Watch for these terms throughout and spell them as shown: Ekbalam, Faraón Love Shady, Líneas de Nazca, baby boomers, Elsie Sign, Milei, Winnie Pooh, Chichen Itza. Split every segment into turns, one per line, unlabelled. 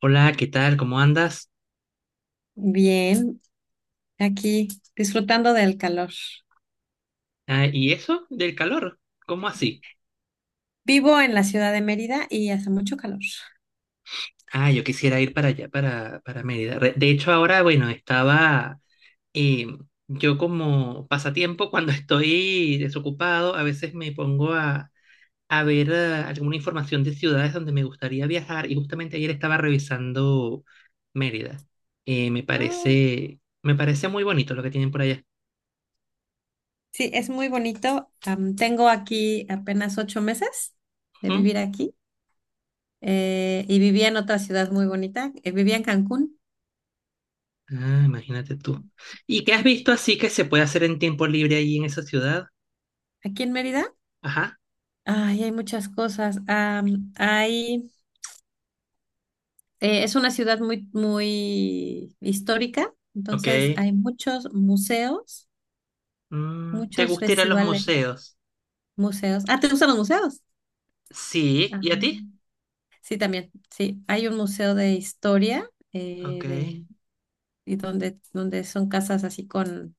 Hola, ¿qué tal? ¿Cómo andas?
Bien, aquí disfrutando del calor.
Ah, ¿y eso del calor? ¿Cómo así?
Vivo en la ciudad de Mérida y hace mucho calor.
Ah, yo quisiera ir para allá, para Mérida. De hecho, ahora, bueno, estaba eh, yo como pasatiempo, cuando estoy desocupado, a veces a ver alguna información de ciudades donde me gustaría viajar y justamente ayer estaba revisando Mérida. Eh, me
Ah,
parece, me parece muy bonito lo que tienen por allá.
sí, es muy bonito. Tengo aquí apenas ocho meses de
Ujú.
vivir aquí, y vivía en otra ciudad muy bonita. Vivía en Cancún,
Ah, imagínate tú. ¿Y qué has visto así que se puede hacer en tiempo libre ahí en esa ciudad?
aquí en Mérida.
Ajá,
Ay, hay muchas cosas. Es una ciudad muy, muy histórica,
ok.
entonces hay muchos museos,
Mm, ¿te
muchos
gusta ir a los
festivales,
museos?
museos. Ah, ¿te gustan los museos?
Sí,
Ajá.
¿y a ti?
Sí, también, sí. Hay un museo de historia,
Ok.
y donde, donde son casas así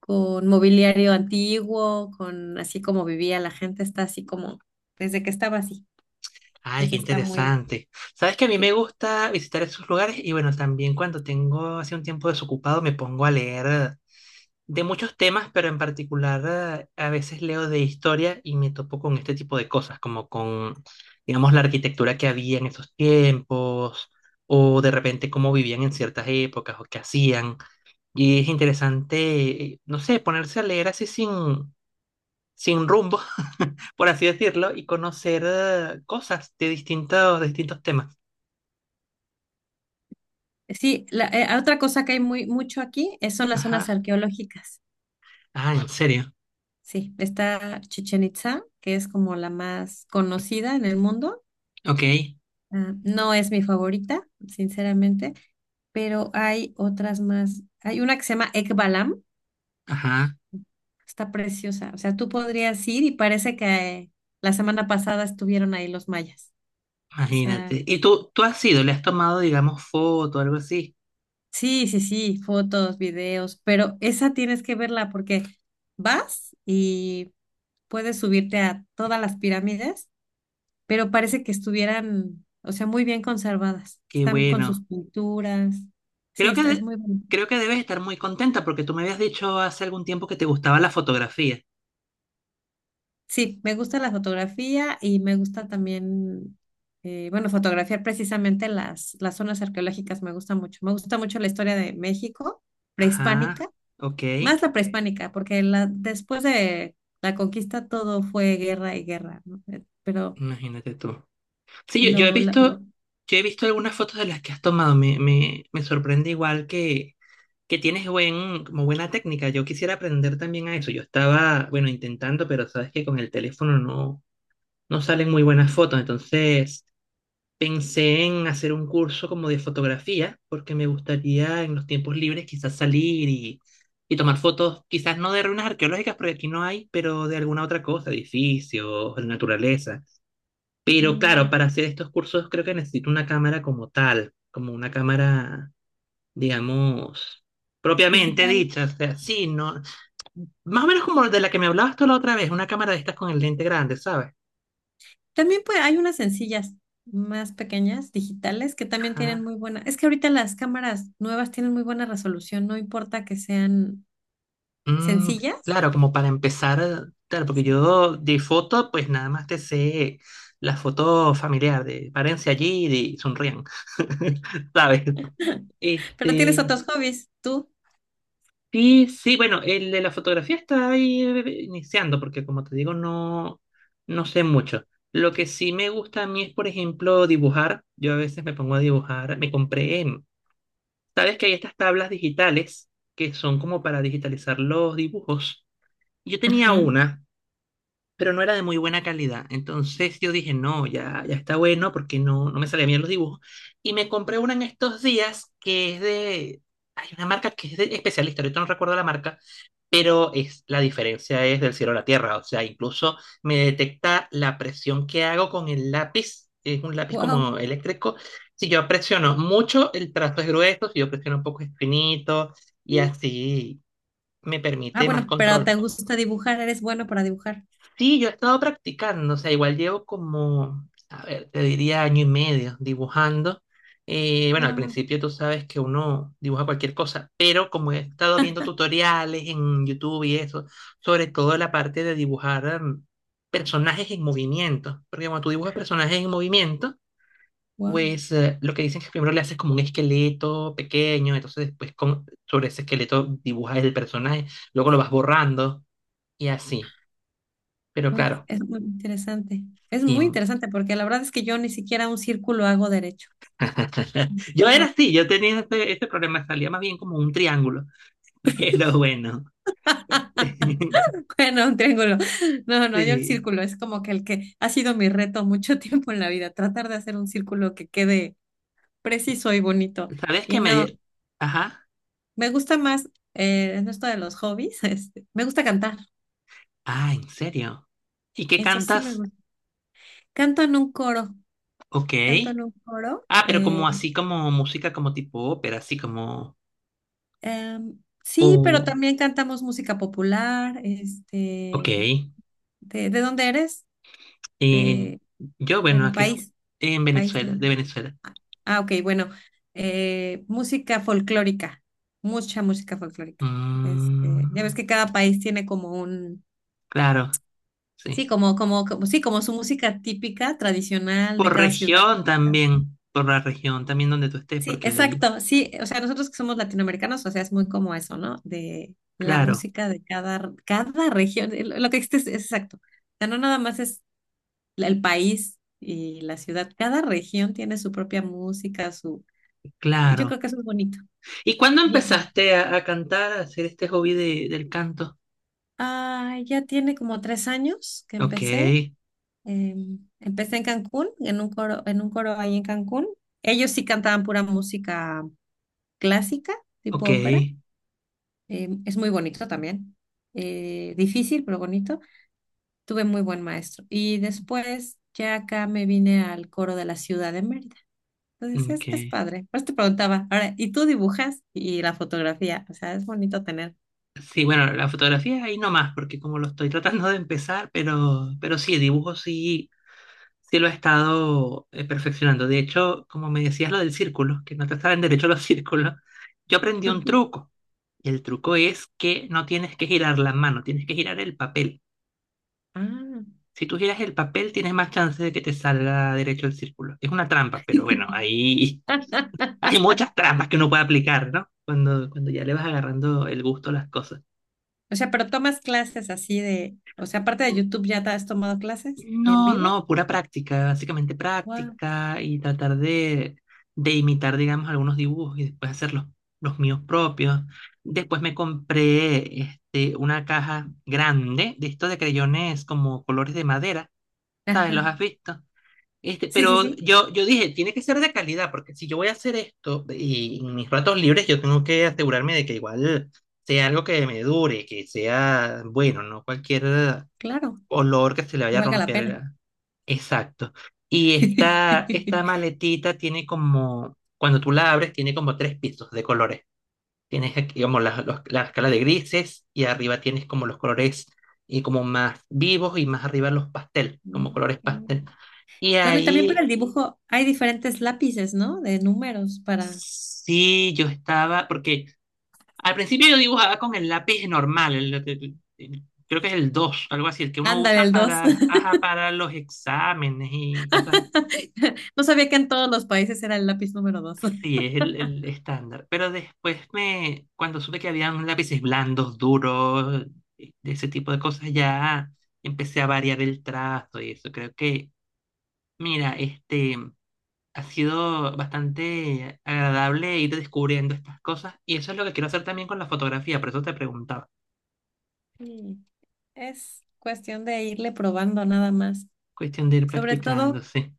con mobiliario antiguo, con así como vivía la gente, está así como desde que estaba así.
Ay, qué
Entonces está muy,
interesante. Sabes que a mí me
sí.
gusta visitar esos lugares y bueno, también cuando tengo así un tiempo desocupado me pongo a leer de muchos temas, pero en particular a veces leo de historia y me topo con este tipo de cosas, digamos, la arquitectura que había en esos tiempos o de repente cómo vivían en ciertas épocas o qué hacían. Y es interesante, no sé, ponerse a leer así sin, sin rumbo, por así decirlo, y conocer cosas de distintos temas.
Sí, otra cosa que hay muy mucho aquí es, son las
Ajá.
zonas arqueológicas.
Ah, en serio.
Sí, está Chichen Itza, que es como la más conocida en el mundo.
Ok.
Ah, no es mi favorita, sinceramente, pero hay otras más. Hay una que se llama Ekbalam.
Ajá.
Está preciosa. O sea, tú podrías ir y parece que la semana pasada estuvieron ahí los mayas. O sea,
Imagínate. ¿Y tú has ido, le has tomado, digamos, foto o algo así?
sí, sí, sí, fotos, videos, pero esa tienes que verla porque vas y puedes subirte a todas las pirámides, pero parece que estuvieran, o sea, muy bien conservadas.
Qué
Están con sus
bueno.
pinturas. Sí,
Creo que,
está, es
de-
muy bonito.
Creo que debes estar muy contenta porque tú me habías dicho hace algún tiempo que te gustaba la fotografía.
Sí, me gusta la fotografía y me gusta también, bueno, fotografiar precisamente las zonas arqueológicas, me gusta mucho. Me gusta mucho la historia de México prehispánica,
Ajá. Ok.
más la prehispánica, porque la, después de la conquista todo fue guerra y guerra, ¿no? Pero
Imagínate tú. Sí, yo, yo he
lo, lo,
visto,
lo,
yo he visto algunas fotos de las que has tomado. Me sorprende igual que tienes buena técnica. Yo quisiera aprender también a eso. Yo estaba, bueno, intentando, pero sabes que con el teléfono no, no salen muy buenas fotos. Entonces pensé en hacer un curso como de fotografía, porque me gustaría en los tiempos libres quizás y tomar fotos, quizás no de ruinas arqueológicas, porque aquí no hay, pero de alguna otra cosa, edificios, naturaleza. Pero claro,
mm,
para hacer estos cursos creo que necesito una cámara como tal, digamos, propiamente
digital.
dicha. O sea, sí, no, más o menos como de la que me hablabas tú la otra vez, una cámara de estas con el lente grande, ¿sabes?
También pues, hay unas sencillas más pequeñas, digitales, que también tienen
Ajá.
muy buena. Es que ahorita las cámaras nuevas tienen muy buena resolución, no importa que sean
Mm,
sencillas.
claro, como para empezar, claro, porque
Sí.
yo de foto, pues nada más te sé la foto familiar de párense allí y sonrían, ¿sabes?
Pero tienes
Este,
otros hobbies, tú.
sí, sí, bueno, el de la fotografía está ahí iniciando, porque como te digo, no, no sé mucho. Lo que sí me gusta a mí es, por ejemplo, dibujar. Yo a veces me pongo a dibujar, me compré, sabes que hay estas tablas digitales que son como para digitalizar los dibujos. Yo tenía
Ajá.
una pero no era de muy buena calidad. Entonces yo dije, no, ya, ya está bueno porque no me salían bien los dibujos. Y me compré una en estos días hay una marca que es de especialista, ahorita no recuerdo la marca, pero es, la diferencia es del cielo a la tierra. O sea, incluso me detecta la presión que hago con el lápiz. Es un lápiz
Wow.
como eléctrico. Si yo presiono mucho, el trazo es grueso. Si yo presiono un poco, es finito. Y así me
Ah,
permite más
bueno, pero te
control.
gusta dibujar, eres bueno para dibujar.
Sí, yo he estado practicando, o sea, igual llevo como, a ver, te diría año y medio dibujando. Bueno, al
Wow.
principio tú sabes que uno dibuja cualquier cosa, pero como he estado viendo tutoriales en YouTube y eso, sobre todo la parte de dibujar personajes en movimiento, porque cuando tú dibujas personajes en movimiento,
Wow.
pues lo que dicen es que primero le haces como un esqueleto pequeño, entonces sobre ese esqueleto dibujas el personaje, luego lo vas borrando y así. Pero
Uy,
claro.
es muy interesante. Es
Sí,
muy interesante porque la verdad es que yo ni siquiera un círculo hago derecho.
yo era
No.
así, yo tenía ese problema, salía más bien como un triángulo, pero bueno.
Bueno, un triángulo. No, no, yo el
Sí.
círculo es como que el que ha sido mi reto mucho tiempo en la vida, tratar de hacer un círculo que quede preciso y bonito.
¿Sabes
Y
qué me...
no,
di- Ajá.
me gusta más, en esto de los hobbies, me gusta cantar.
Ah, ¿en serio? ¿Y qué
Eso sí me
cantas?
canto en un coro,
Ok.
canto en un coro.
Ah, pero como así, como música, como tipo ópera, así como...
Sí, pero
Oh,
también cantamos música popular.
ok.
Este, de dónde eres?
Eh,
De,
yo, bueno,
bueno,
aquí
país,
en
país. ¿No?
Venezuela, de Venezuela.
Ah, ah, ok, bueno, música folclórica, mucha música folclórica. Este, ya ves
Mm,
que cada país tiene como un,
claro,
sí,
sí.
sí, como su música típica, tradicional de
Por
cada ciudad.
región también, por la región también donde tú estés,
Sí,
porque ahí...
exacto, sí, o sea, nosotros que somos latinoamericanos, o sea, es muy como eso, ¿no? De la
Claro.
música de cada, cada región, lo que existe es exacto. O sea, no nada más es el país y la ciudad, cada región tiene su propia música, su... Yo
Claro.
creo que eso es bonito.
¿Y cuándo
Bien.
empezaste a cantar, a hacer este hobby del canto?
Ah, ya tiene como tres años que
Ok,
empecé. Empecé en Cancún, en un coro ahí en Cancún. Ellos sí cantaban pura música clásica, tipo
ok,
ópera. Es muy bonito también. Difícil, pero bonito. Tuve muy buen maestro. Y después ya acá me vine al coro de la ciudad de Mérida. Entonces
ok.
es padre. Por eso te preguntaba, ahora, ¿y tú dibujas? Y la fotografía. O sea, es bonito tener.
Sí, bueno, la fotografía ahí nomás, porque como lo estoy tratando de empezar, pero sí, dibujo sí, sí lo he estado perfeccionando. De hecho, como me decías lo del círculo, que no te saben derecho los círculos, yo aprendí un truco. Y el truco es que no tienes que girar la mano, tienes que girar el papel.
Ah.
Si tú giras el papel, tienes más chance de que te salga derecho el círculo. Es una trampa, pero bueno, ahí hay muchas trampas que uno puede aplicar, ¿no? Cuando ya le vas agarrando el gusto a las cosas.
O sea, pero tomas clases así de, o sea, aparte de YouTube, ¿ya te has tomado clases en
No,
vivo?
no, pura práctica, básicamente
Wow.
práctica y de imitar, digamos, algunos dibujos y después hacer los míos propios. Después me compré este, una caja grande de estos de creyones como colores de madera, ¿sabes? ¿Los
Ajá.
has visto? Este,
Sí, sí,
pero
sí,
yo dije, tiene que ser de calidad, porque si yo voy a hacer esto y en mis ratos libres, yo tengo que asegurarme de que igual sea algo que me dure, que sea bueno, no cualquier
claro,
olor que se le
que
vaya a
valga la
romper.
pena.
Exacto. Y esta maletita tiene como, cuando tú la abres, tiene como tres pisos de colores. Tienes aquí como la escala de grises y arriba tienes como los colores y como más vivos y más arriba los pastel, como colores
Ok.
pastel. Y
Bueno, y también para
ahí
el dibujo hay diferentes lápices, ¿no? De números para...
sí, yo estaba, porque al principio yo dibujaba con el lápiz normal, creo que es el 2, algo así, el que uno
Ándale,
usa
el dos.
para, ajá, para los exámenes y cosas.
No sabía que en todos los países era el lápiz número 2.
Sí, es el estándar. Pero cuando supe que habían lápices blandos, duros, de ese tipo de cosas, ya empecé a variar el trazo y eso. Mira, este... Ha sido bastante agradable ir descubriendo estas cosas y eso es lo que quiero hacer también con la fotografía, por eso te preguntaba.
Es cuestión de irle probando nada más.
Cuestión de ir
Sobre
practicando,
todo
sí.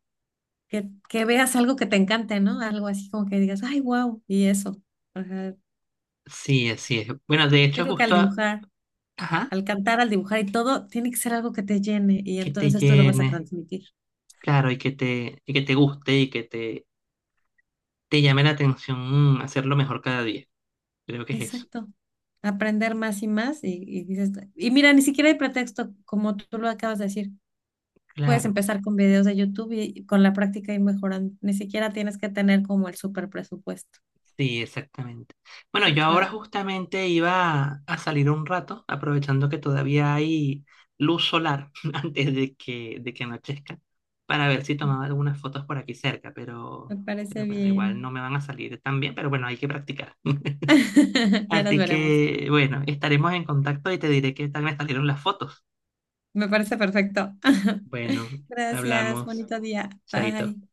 que veas algo que te encante, ¿no? Algo así como que digas, ay, wow, y eso. Ajá.
Sí, así es. Bueno, de
Yo
hecho,
creo que al
justo, a-
dibujar,
Ajá,
al cantar, al dibujar y todo, tiene que ser algo que te llene y
que te
entonces tú lo vas a
llene,
transmitir.
claro, y que te guste y te llame la atención hacerlo mejor cada día. Creo que es eso.
Exacto. Aprender más y más y dices, y mira, ni siquiera hay pretexto, como tú lo acabas de decir. Puedes
Claro.
empezar con videos de YouTube y con la práctica y mejorando. Ni siquiera tienes que tener como el super presupuesto.
Sí, exactamente. Bueno,
Qué
yo ahora
padre,
justamente iba a salir un rato, aprovechando que todavía hay luz solar antes de de que anochezca, para ver si tomaba algunas fotos por aquí cerca,
me
pero
parece
bueno, igual
bien.
no me van a salir tan bien, pero bueno, hay que practicar.
Ya nos
Así
veremos.
que, bueno, estaremos en contacto y te diré qué tal me salieron las fotos.
Me parece perfecto.
Bueno,
Gracias,
hablamos,
bonito día.
chaito.
Bye.